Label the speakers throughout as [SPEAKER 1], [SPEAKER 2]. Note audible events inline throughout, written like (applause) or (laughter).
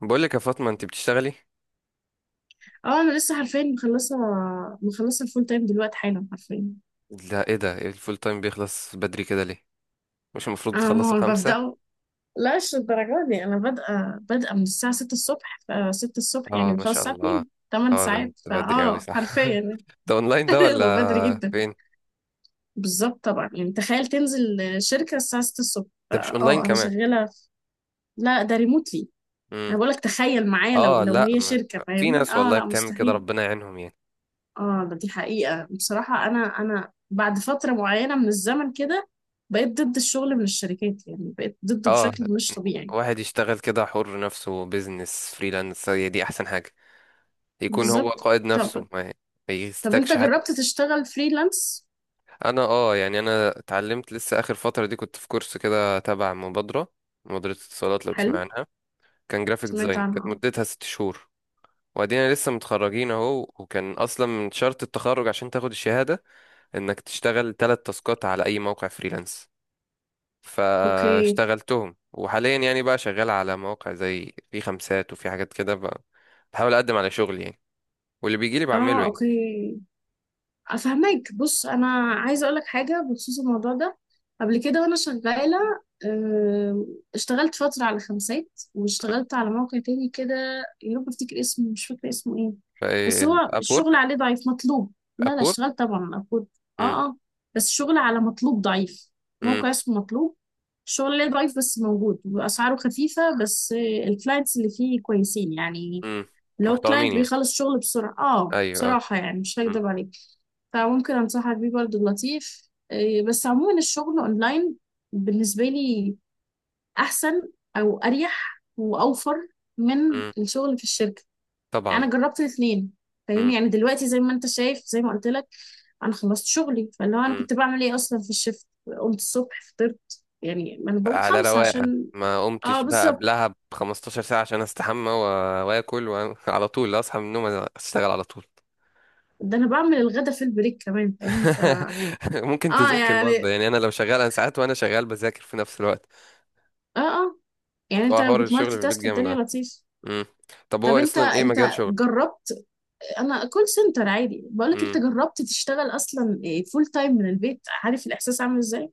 [SPEAKER 1] بقول لك يا فاطمة، انت بتشتغلي؟
[SPEAKER 2] اه انا لسه حرفيا مخلصه الفول تايم دلوقتي حالا حرفيا.
[SPEAKER 1] لا، ايه ده؟ ايه الفول تايم بيخلص بدري كده ليه؟ مش المفروض
[SPEAKER 2] انا ما
[SPEAKER 1] بتخلصوا
[SPEAKER 2] هو
[SPEAKER 1] خمسة؟
[SPEAKER 2] ببداه. لا مش الدرجه دي. انا بادئه من الساعه 6 الصبح، ف 6 الصبح يعني
[SPEAKER 1] اه، ما
[SPEAKER 2] بخلص
[SPEAKER 1] شاء
[SPEAKER 2] الساعه
[SPEAKER 1] الله.
[SPEAKER 2] 2، 8
[SPEAKER 1] اه ده،
[SPEAKER 2] ساعات،
[SPEAKER 1] ده بدري اوي
[SPEAKER 2] فاه
[SPEAKER 1] صح.
[SPEAKER 2] حرفيا.
[SPEAKER 1] (laughs) ده اونلاين ده
[SPEAKER 2] (laughs)
[SPEAKER 1] ولا
[SPEAKER 2] وبدري جدا.
[SPEAKER 1] فين؟
[SPEAKER 2] بالظبط طبعا، يعني تخيل تنزل شركه الساعه 6 الصبح.
[SPEAKER 1] ده مش اونلاين
[SPEAKER 2] اه انا
[SPEAKER 1] كمان؟
[SPEAKER 2] شغاله لا ده ريموتلي.
[SPEAKER 1] امم.
[SPEAKER 2] انا بقولك تخيل معايا، لو
[SPEAKER 1] اه
[SPEAKER 2] لو
[SPEAKER 1] لا
[SPEAKER 2] هي
[SPEAKER 1] ما-
[SPEAKER 2] شركه
[SPEAKER 1] في
[SPEAKER 2] فاهمني،
[SPEAKER 1] ناس
[SPEAKER 2] اه
[SPEAKER 1] والله
[SPEAKER 2] لا
[SPEAKER 1] بتعمل كده،
[SPEAKER 2] مستحيل.
[SPEAKER 1] ربنا يعينهم يعني.
[SPEAKER 2] اه دي حقيقة بصراحة. أنا بعد فترة معينة من الزمن كده بقيت ضد الشغل من الشركات، يعني بقيت ضده
[SPEAKER 1] اه،
[SPEAKER 2] بشكل مش طبيعي.
[SPEAKER 1] واحد يشتغل كده حر نفسه، بيزنس فريلانس، هي دي احسن حاجة. يكون هو
[SPEAKER 2] بالظبط.
[SPEAKER 1] قائد
[SPEAKER 2] طب
[SPEAKER 1] نفسه، ما
[SPEAKER 2] طب أنت
[SPEAKER 1] يستكش حد.
[SPEAKER 2] جربت تشتغل فريلانس؟
[SPEAKER 1] انا اه يعني انا اتعلمت لسه اخر فترة دي، كنت في كورس كده تبع مبادرة اتصالات، لو تسمع
[SPEAKER 2] حلو.
[SPEAKER 1] عنها. كان جرافيك
[SPEAKER 2] سمعت
[SPEAKER 1] ديزاين،
[SPEAKER 2] عنها
[SPEAKER 1] كانت
[SPEAKER 2] اه.
[SPEAKER 1] مدتها ست شهور. وادينا لسه متخرجين اهو، وكان اصلا من شرط التخرج عشان تاخد الشهاده انك تشتغل تلات تاسكات على اي موقع فريلانس.
[SPEAKER 2] أوكي.
[SPEAKER 1] فاشتغلتهم، وحاليا يعني بقى شغال على مواقع زي في خمسات وفي حاجات كده بقى. بحاول اقدم على شغل يعني، واللي بيجي لي بعمله
[SPEAKER 2] اه
[SPEAKER 1] يعني.
[SPEAKER 2] أوكي. افهمك. بص انا عايزه اقول لك حاجه بخصوص الموضوع ده. قبل كده وانا شغاله آه، اشتغلت فتره على خمسات واشتغلت على موقع تاني كده. يا رب افتكر اسمه، مش فاكره اسمه ايه. بس هو
[SPEAKER 1] ابورك.
[SPEAKER 2] الشغل عليه ضعيف، مطلوب. لا لا،
[SPEAKER 1] ابورك.
[SPEAKER 2] اشتغلت طبعا المفروض.
[SPEAKER 1] امم.
[SPEAKER 2] اه اه. بس الشغل على مطلوب ضعيف. موقع اسمه مطلوب، الشغل عليه ضعيف بس موجود، واسعاره خفيفه. بس الكلاينتس اللي فيه كويسين يعني.
[SPEAKER 1] امم.
[SPEAKER 2] لو
[SPEAKER 1] محترمين
[SPEAKER 2] كلاينت
[SPEAKER 1] يعني،
[SPEAKER 2] بيخلص شغل بسرعه، اه
[SPEAKER 1] ايوه اه.
[SPEAKER 2] بصراحه يعني مش
[SPEAKER 1] مم،
[SPEAKER 2] هكدب عليك. فممكن انصحك بيه برضو لطيف بس عموما الشغل اونلاين بالنسبه لي احسن، او اريح واوفر من
[SPEAKER 1] مم،
[SPEAKER 2] الشغل في الشركه.
[SPEAKER 1] طبعا.
[SPEAKER 2] انا جربت الاثنين
[SPEAKER 1] مم،
[SPEAKER 2] فاهمني. يعني دلوقتي زي ما انت شايف، زي ما قلت لك، انا خلصت شغلي، فاللي هو انا
[SPEAKER 1] مم.
[SPEAKER 2] كنت بعمل ايه اصلا في الشفت. قمت الصبح فطرت، يعني ما انا بقوم
[SPEAKER 1] على
[SPEAKER 2] خمسة
[SPEAKER 1] رواقه.
[SPEAKER 2] عشان.
[SPEAKER 1] ما
[SPEAKER 2] اه
[SPEAKER 1] قمتش بقى
[SPEAKER 2] بالظبط.
[SPEAKER 1] قبلها ب 15 ساعة عشان استحمى و واكل وعلى (laughs) طول اصحى من النوم اشتغل على طول.
[SPEAKER 2] ده انا بعمل الغدا في البريك كمان فاهمني ف.
[SPEAKER 1] (laughs) ممكن
[SPEAKER 2] اه
[SPEAKER 1] تذاكر برضه
[SPEAKER 2] يعني
[SPEAKER 1] يعني، انا لو شغال، انا ساعات وانا شغال بذاكر في نفس الوقت.
[SPEAKER 2] اه اه، يعني انت
[SPEAKER 1] فهو
[SPEAKER 2] لو
[SPEAKER 1] حوار الشغل
[SPEAKER 2] بتمالتي
[SPEAKER 1] في البيت
[SPEAKER 2] تاسك
[SPEAKER 1] جامد
[SPEAKER 2] الدنيا
[SPEAKER 1] اه.
[SPEAKER 2] لطيف.
[SPEAKER 1] أمم. طب
[SPEAKER 2] طب
[SPEAKER 1] هو
[SPEAKER 2] انت
[SPEAKER 1] اصلا ايه مجال
[SPEAKER 2] انت
[SPEAKER 1] شغل؟
[SPEAKER 2] جربت. انا كول سنتر عادي، بقولك انت
[SPEAKER 1] امم.
[SPEAKER 2] جربت تشتغل اصلا فول تايم من البيت، عارف الاحساس عامل ازاي؟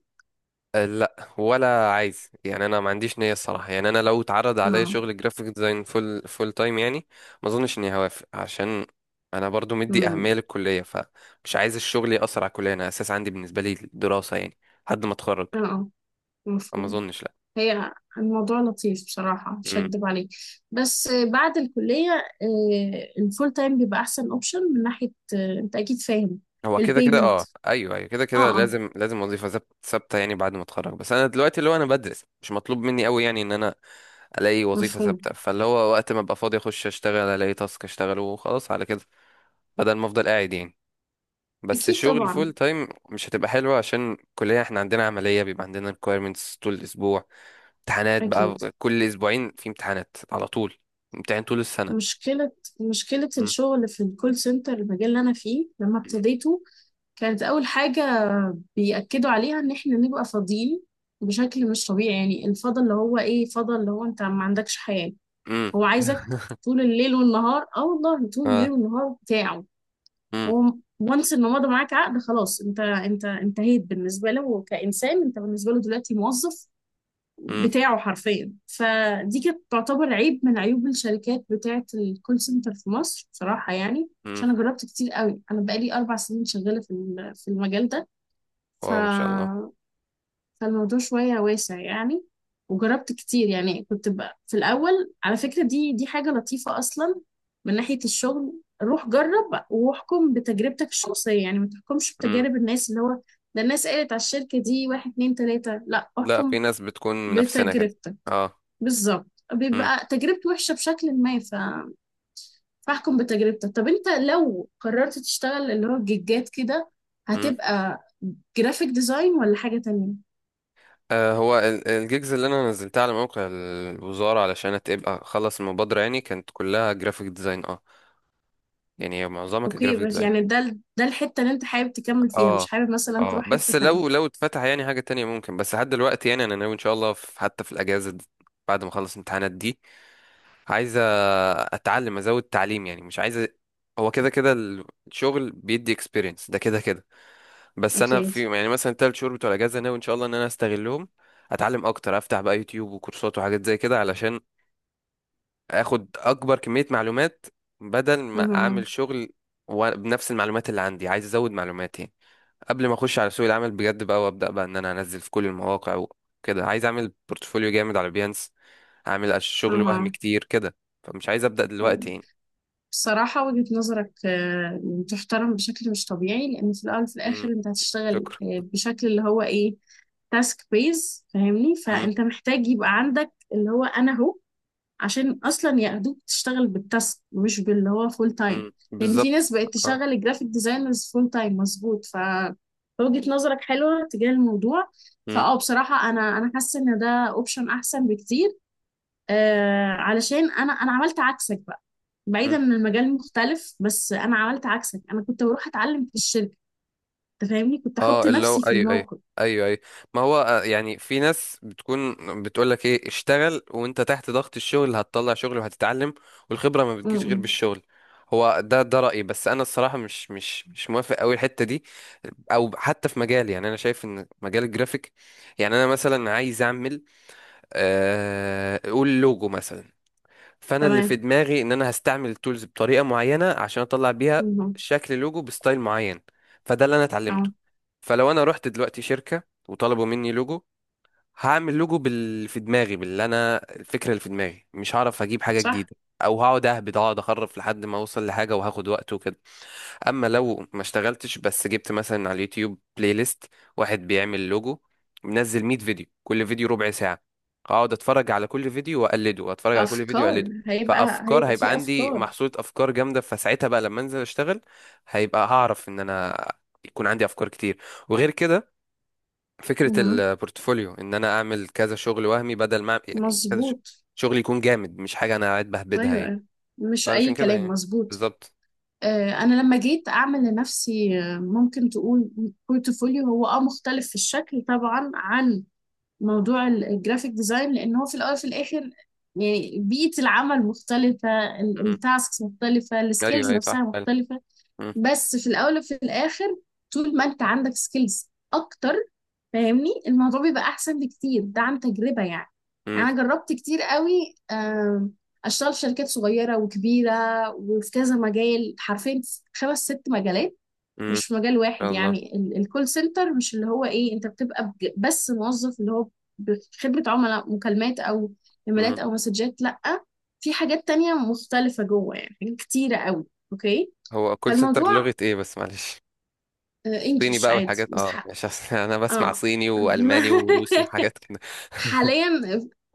[SPEAKER 1] أه لا ولا عايز يعني، انا ما عنديش نية الصراحة يعني. انا لو اتعرض عليا
[SPEAKER 2] اه.
[SPEAKER 1] شغل جرافيك ديزاين فول تايم يعني ما اظنش اني هوافق، عشان انا برضو مدي اهمية
[SPEAKER 2] امم.
[SPEAKER 1] للكلية، فمش عايز الشغل يأثر على الكلية. انا اساس عندي بالنسبة لي الدراسة يعني، لحد ما اتخرج.
[SPEAKER 2] اه
[SPEAKER 1] فما
[SPEAKER 2] مفهوم.
[SPEAKER 1] اظنش لا.
[SPEAKER 2] هي الموضوع لطيف بصراحة مش
[SPEAKER 1] مم.
[SPEAKER 2] هكدب عليك. بس بعد الكلية الفول تايم بيبقى أحسن أوبشن من ناحية أنت أكيد فاهم.
[SPEAKER 1] هو كده كده
[SPEAKER 2] البيمنت،
[SPEAKER 1] اه، ايوه ايوه، كده كده
[SPEAKER 2] اه اه
[SPEAKER 1] لازم وظيفة ثابتة يعني بعد ما اتخرج. بس انا دلوقتي اللي هو انا بدرس، مش مطلوب مني قوي يعني ان انا الاقي وظيفة
[SPEAKER 2] مفهوم.
[SPEAKER 1] ثابتة. فاللي هو وقت ما ابقى فاضي اخش اشتغل، الاقي تاسك اشتغله وخلاص على كده، بدل ما افضل قاعد يعني. بس
[SPEAKER 2] أكيد
[SPEAKER 1] شغل
[SPEAKER 2] طبعا.
[SPEAKER 1] فول تايم مش هتبقى حلوة، عشان الكلية احنا عندنا عملية، بيبقى عندنا requirements طول الأسبوع. امتحانات بقى،
[SPEAKER 2] أكيد.
[SPEAKER 1] كل أسبوعين في امتحانات على طول، امتحان طول السنة.
[SPEAKER 2] مشكلة. مشكلة
[SPEAKER 1] مم.
[SPEAKER 2] الشغل في الكول سنتر، المجال اللي أنا فيه لما ابتديته، كانت أول حاجة بيأكدوا عليها إن إحنا نبقى فاضيين بشكل مش طبيعي. يعني الفضا اللي هو إيه، فضا اللي هو أنت ما عندكش حياة.
[SPEAKER 1] امم.
[SPEAKER 2] هو عايزك طول الليل والنهار، والله طول الليل
[SPEAKER 1] اه.
[SPEAKER 2] والنهار بتاعه.
[SPEAKER 1] امم.
[SPEAKER 2] هو وانس إن مضى معاك عقد، خلاص أنت انتهيت بالنسبة له كإنسان. أنت بالنسبة له دلوقتي موظف
[SPEAKER 1] امم.
[SPEAKER 2] بتاعه حرفيا. فدي كانت تعتبر عيب من عيوب الشركات بتاعة الكول سنتر في مصر، بصراحة يعني.
[SPEAKER 1] امم.
[SPEAKER 2] عشان أنا جربت كتير قوي. أنا بقالي 4 سنين شغالة في المجال ده ف...
[SPEAKER 1] واو ما شاء الله.
[SPEAKER 2] فالموضوع شوية واسع يعني. وجربت كتير يعني. كنت بقى في الأول، على فكرة دي حاجة لطيفة أصلا من ناحية الشغل. روح جرب واحكم بتجربتك الشخصية. يعني ما تحكمش
[SPEAKER 1] امم.
[SPEAKER 2] بتجارب الناس، اللي هو ده الناس قالت على الشركة دي واحد اتنين تلاتة، لا
[SPEAKER 1] لا،
[SPEAKER 2] احكم
[SPEAKER 1] في ناس بتكون من نفسنا كده.
[SPEAKER 2] بتجربتك.
[SPEAKER 1] اه.
[SPEAKER 2] بالظبط.
[SPEAKER 1] امم.
[SPEAKER 2] بيبقى تجربتي وحشة بشكل ما ف... فاحكم بتجربتك. طب انت لو قررت تشتغل اللي هو الجيجات كده،
[SPEAKER 1] امم.
[SPEAKER 2] هتبقى جرافيك ديزاين ولا حاجة تانية؟
[SPEAKER 1] آه، هو الجيجز اللي انا نزلتها على موقع الوزارة علشان تبقى خلص المبادرة يعني، كانت كلها جرافيك ديزاين اه. يعني معظمها كانت
[SPEAKER 2] اوكي.
[SPEAKER 1] جرافيك
[SPEAKER 2] بس
[SPEAKER 1] ديزاين.
[SPEAKER 2] يعني ده الحتة اللي انت حابب تكمل فيها، مش
[SPEAKER 1] اه
[SPEAKER 2] حابب مثلا
[SPEAKER 1] اه،
[SPEAKER 2] تروح حتة
[SPEAKER 1] بس لو
[SPEAKER 2] تانية.
[SPEAKER 1] اتفتح يعني حاجة تانية ممكن، بس لحد دلوقتي يعني انا ناوي ان شاء الله في، حتى في الاجازة دي، بعد ما اخلص الامتحانات دي، عايز أ- اتعلم، ازود تعليم يعني. مش عايز أ- هو كده كده الشغل بيدي اكسبيرينس، ده كده كده. بس انا
[SPEAKER 2] اكيد.
[SPEAKER 1] في يعني مثلا التلات شهور بتوع الاجازة ناوي ان شاء الله ان انا استغلهم، اتعلم اكتر، افتح بقى يوتيوب وكورسات وحاجات زي كده علشان اخد اكبر كمية معلومات بدل ما
[SPEAKER 2] اها.
[SPEAKER 1] اعمل شغل بنفس المعلومات اللي عندي. عايز ازود معلوماتي قبل ما اخش على سوق العمل بجد بقى، وابدا بقى ان انا انزل في كل المواقع وكده. عايز اعمل بورتفوليو جامد على بيانس، اعمل شغل وهم
[SPEAKER 2] اها.
[SPEAKER 1] كتير كده. فمش عايز ابدا
[SPEAKER 2] أيوة.
[SPEAKER 1] دلوقتي يعني.
[SPEAKER 2] بصراحة وجهة نظرك تحترم بشكل مش طبيعي، لأن في الأول وفي الآخر
[SPEAKER 1] امم.
[SPEAKER 2] أنت هتشتغل
[SPEAKER 1] شكرا.
[SPEAKER 2] بشكل اللي هو إيه، تاسك بيز فاهمني.
[SPEAKER 1] امم.
[SPEAKER 2] فأنت محتاج يبقى عندك اللي هو أنا هو، عشان اصلا ياخدوك تشتغل بالتاسك مش باللي هو فول تايم.
[SPEAKER 1] امم،
[SPEAKER 2] لان في
[SPEAKER 1] بالظبط.
[SPEAKER 2] ناس بقت
[SPEAKER 1] اه
[SPEAKER 2] تشغل الجرافيك ديزاينرز فول تايم مظبوط ف. وجهة نظرك حلوة تجاه الموضوع. فاه بصراحة انا حاسة ان ده اوبشن احسن بكتير. آه علشان انا عملت عكسك بقى. بعيدا ان المجال مختلف، بس انا عملت عكسك. انا كنت بروح اتعلم في الشركة. انت فاهمني، كنت احط
[SPEAKER 1] اه، اللي هو
[SPEAKER 2] نفسي في
[SPEAKER 1] ايوه ايوه،
[SPEAKER 2] الموقف.
[SPEAKER 1] ايوه ايوه. ما هو آه، يعني في ناس بتكون بتقول لك ايه اشتغل، وانت تحت ضغط الشغل هتطلع شغل وهتتعلم، والخبره ما
[SPEAKER 2] م
[SPEAKER 1] بتجيش غير
[SPEAKER 2] -م.
[SPEAKER 1] بالشغل. هو ده ده رايي، بس انا الصراحه مش مش موافق قوي الحته دي، او حتى في مجالي. يعني انا شايف ان مجال الجرافيك، يعني انا مثلا عايز اعمل آه، قول لوجو مثلا. فانا اللي في
[SPEAKER 2] تمام.
[SPEAKER 1] دماغي ان انا هستعمل التولز بطريقه معينه عشان اطلع بيها
[SPEAKER 2] م -م.
[SPEAKER 1] شكل لوجو بستايل معين، فده اللي انا اتعلمته.
[SPEAKER 2] اه
[SPEAKER 1] فلو انا رحت دلوقتي شركه وطلبوا مني لوجو، هعمل لوجو بال في دماغي، باللي انا الفكره اللي في دماغي، مش هعرف اجيب حاجه
[SPEAKER 2] صح.
[SPEAKER 1] جديده، او هقعد اهبد، اقعد اخرف لحد ما اوصل لحاجه، وهاخد وقت وكده. اما لو ما اشتغلتش بس جبت مثلا على اليوتيوب بلاي ليست واحد بيعمل لوجو، منزل 100 فيديو، كل فيديو ربع ساعة، اقعد اتفرج على كل فيديو واقلده، اتفرج على كل فيديو
[SPEAKER 2] افكار
[SPEAKER 1] واقلده.
[SPEAKER 2] هيبقى
[SPEAKER 1] فافكار
[SPEAKER 2] هيبقى
[SPEAKER 1] هيبقى
[SPEAKER 2] في
[SPEAKER 1] عندي
[SPEAKER 2] افكار.
[SPEAKER 1] محصولة افكار جامدة. فساعتها بقى لما انزل اشتغل، هيبقى هعرف ان انا يكون عندي افكار كتير. وغير كده، فكرة البورتفوليو ان انا اعمل كذا شغل وهمي، بدل ما أعمل- يعني كذا ش-
[SPEAKER 2] مظبوط.
[SPEAKER 1] شغل يكون جامد، مش حاجة انا قاعد بهبدها
[SPEAKER 2] ايوه
[SPEAKER 1] يعني.
[SPEAKER 2] أيوة. مش
[SPEAKER 1] فعلشان
[SPEAKER 2] اي
[SPEAKER 1] كده
[SPEAKER 2] كلام،
[SPEAKER 1] يعني،
[SPEAKER 2] مظبوط.
[SPEAKER 1] بالظبط.
[SPEAKER 2] انا لما جيت اعمل لنفسي ممكن تقول بورتفوليو، هو اه مختلف في الشكل طبعا عن موضوع الجرافيك ديزاين، لان هو في الاول وفي الاخر يعني بيئة العمل مختلفة،
[SPEAKER 1] م.
[SPEAKER 2] التاسكس مختلفة،
[SPEAKER 1] ايوه،
[SPEAKER 2] السكيلز
[SPEAKER 1] اي
[SPEAKER 2] نفسها
[SPEAKER 1] صح فعلا.
[SPEAKER 2] مختلفة. بس في الاول وفي الاخر، طول ما انت عندك سكيلز اكتر فاهمني، الموضوع بيبقى احسن بكتير، ده عن تجربة يعني.
[SPEAKER 1] م.
[SPEAKER 2] يعني انا جربت كتير قوي اشتغل في شركات صغيرة وكبيرة، وفي كذا مجال حرفيا، 5 6 مجالات،
[SPEAKER 1] امم.
[SPEAKER 2] مش في مجال واحد
[SPEAKER 1] الله.
[SPEAKER 2] يعني. الكول سنتر مش اللي هو ايه انت بتبقى بس موظف، اللي هو بخدمة عملاء، مكالمات او
[SPEAKER 1] امم.
[SPEAKER 2] ايميلات او مسجات. لا في حاجات تانية مختلفة جوه، يعني حاجات كتيرة قوي. اوكي.
[SPEAKER 1] هو كول سنتر
[SPEAKER 2] فالموضوع
[SPEAKER 1] لغة ايه بس معلش؟ صيني
[SPEAKER 2] انجلش
[SPEAKER 1] بقى
[SPEAKER 2] عادي
[SPEAKER 1] والحاجات
[SPEAKER 2] بس
[SPEAKER 1] اه، مش أصل (laughs) انا بسمع
[SPEAKER 2] اه.
[SPEAKER 1] صيني
[SPEAKER 2] (laughs) لا
[SPEAKER 1] والماني وروسي وحاجات كده. (laughs)
[SPEAKER 2] حاليا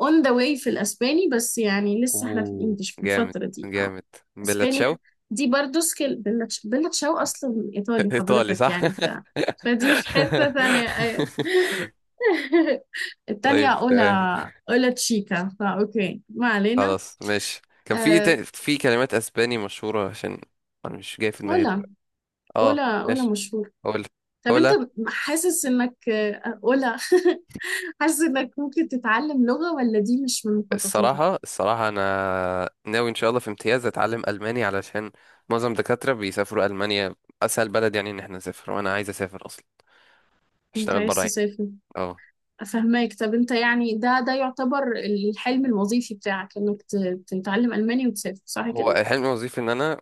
[SPEAKER 2] اون ذا واي في الاسباني، بس يعني لسه احنا في
[SPEAKER 1] اوه
[SPEAKER 2] الانجليش في
[SPEAKER 1] جامد،
[SPEAKER 2] الفترة دي اه.
[SPEAKER 1] جامد. بلا
[SPEAKER 2] اسباني
[SPEAKER 1] تشاو.
[SPEAKER 2] دي برضو سكيل. بيلا تشاو اصلا ايطالي
[SPEAKER 1] (laughs) ايطالي
[SPEAKER 2] حضرتك
[SPEAKER 1] صح.
[SPEAKER 2] يعني ف. فدي في حتة ثانية ايوه.
[SPEAKER 1] (laughs)
[SPEAKER 2] (laughs) التانية
[SPEAKER 1] طيب
[SPEAKER 2] أولا،
[SPEAKER 1] تمام.
[SPEAKER 2] أولا تشيكا، فأوكي ما علينا.
[SPEAKER 1] خلاص ماشي. كان في
[SPEAKER 2] آه،
[SPEAKER 1] في كلمات اسباني مشهورة، عشان انا مش جاي في دماغي
[SPEAKER 2] أولا.
[SPEAKER 1] دلوقتي. اه
[SPEAKER 2] أولا
[SPEAKER 1] ماشي.
[SPEAKER 2] مشهور.
[SPEAKER 1] قول.
[SPEAKER 2] طب
[SPEAKER 1] قول.
[SPEAKER 2] أنت حاسس إنك أولا، (laughs) حاسس إنك ممكن تتعلم لغة، ولا دي مش من مخططاتك؟
[SPEAKER 1] الصراحة، الصراحة أنا ناوي إن شاء الله في امتياز أتعلم ألماني، علشان معظم الدكاترة بيسافروا ألمانيا، أسهل بلد يعني إن إحنا نسافر، وأنا عايز أسافر أصلا
[SPEAKER 2] أنت
[SPEAKER 1] أشتغل
[SPEAKER 2] عايز
[SPEAKER 1] برا يعني.
[SPEAKER 2] تسافر؟
[SPEAKER 1] أه.
[SPEAKER 2] فهماك. طب انت يعني ده يعتبر الحلم الوظيفي بتاعك، انك تتعلم الماني وتسافر صح
[SPEAKER 1] هو
[SPEAKER 2] كده؟
[SPEAKER 1] حلمي وظيفي إن أنا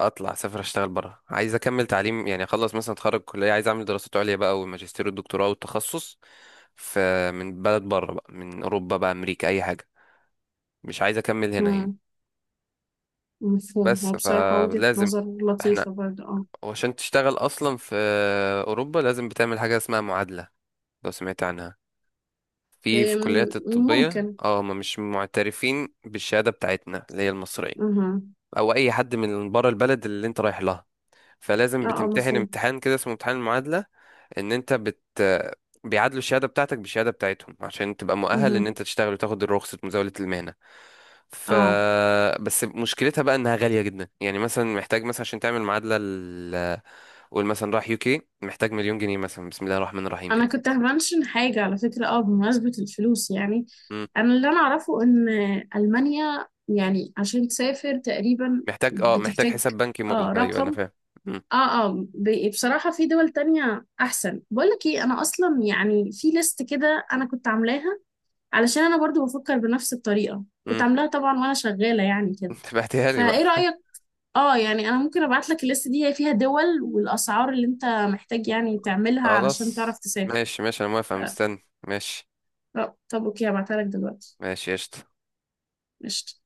[SPEAKER 1] أطلع أسافر أشتغل برا، عايز أكمل تعليم يعني. أخلص مثلا أتخرج كلية، عايز أعمل دراسات عليا بقى، والماجستير والدكتوراه والتخصص ف من بلد برا بقى، من أوروبا بقى، أمريكا، أي حاجة. مش عايز أكمل هنا يعني.
[SPEAKER 2] امم. مفهوم.
[SPEAKER 1] بس
[SPEAKER 2] هو بصراحة وجهة
[SPEAKER 1] فلازم
[SPEAKER 2] نظر
[SPEAKER 1] إحنا،
[SPEAKER 2] لطيفة برضه اه.
[SPEAKER 1] وعشان تشتغل أصلا في أوروبا، لازم بتعمل حاجة اسمها معادلة، لو سمعت عنها. في الكليات
[SPEAKER 2] ام،
[SPEAKER 1] الطبية
[SPEAKER 2] ممكن.
[SPEAKER 1] اه، هما مش معترفين بالشهادة بتاعتنا اللي هي المصرية،
[SPEAKER 2] اها
[SPEAKER 1] أو أي حد من بره البلد اللي أنت رايح لها. فلازم
[SPEAKER 2] اه اه
[SPEAKER 1] بتمتحن
[SPEAKER 2] مفهوم.
[SPEAKER 1] امتحان كده اسمه امتحان المعادلة. إن أنت بت بيعادلوا الشهادة بتاعتك بالشهادة بتاعتهم عشان تبقى مؤهل
[SPEAKER 2] اها.
[SPEAKER 1] إن أنت تشتغل وتاخد رخصة مزاولة المهنة. ف
[SPEAKER 2] اه
[SPEAKER 1] بس مشكلتها بقى إنها غالية جدا يعني. مثلا محتاج مثلا عشان تعمل معادلة قول مثلا راح يوكي، محتاج مليون جنيه مثلا، بسم الله الرحمن الرحيم
[SPEAKER 2] انا
[SPEAKER 1] كده.
[SPEAKER 2] كنت همنشن حاجة على فكرة، اه بمناسبة الفلوس يعني.
[SPEAKER 1] إمم.
[SPEAKER 2] انا اللي انا اعرفه ان المانيا يعني عشان تسافر تقريبا
[SPEAKER 1] محتاج اه، محتاج
[SPEAKER 2] بتحتاج
[SPEAKER 1] حساب بنكي
[SPEAKER 2] اه
[SPEAKER 1] مغلق، ايوه انا
[SPEAKER 2] رقم
[SPEAKER 1] فاهم. مم.
[SPEAKER 2] اه اه. بصراحة في دول تانية أحسن. بقولك ايه، أنا أصلا يعني في ليست كده أنا كنت عاملاها، علشان أنا برضو بفكر بنفس الطريقة. كنت
[SPEAKER 1] مم.
[SPEAKER 2] عاملاها طبعا وأنا شغالة يعني
[SPEAKER 1] (laughs)
[SPEAKER 2] كده.
[SPEAKER 1] انت بعتها لي بقى.
[SPEAKER 2] فايه رأيك؟ اه يعني أنا ممكن أبعتلك الليست دي، هي فيها دول والأسعار اللي أنت محتاج يعني تعملها علشان
[SPEAKER 1] خلاص
[SPEAKER 2] تعرف تسافر.
[SPEAKER 1] ماشي ماشي، انا موافق
[SPEAKER 2] آه،
[SPEAKER 1] مستني. ماشي
[SPEAKER 2] طب أوكي هبعتها لك دلوقتي.
[SPEAKER 1] ماشي، قشطة.
[SPEAKER 2] قشطة.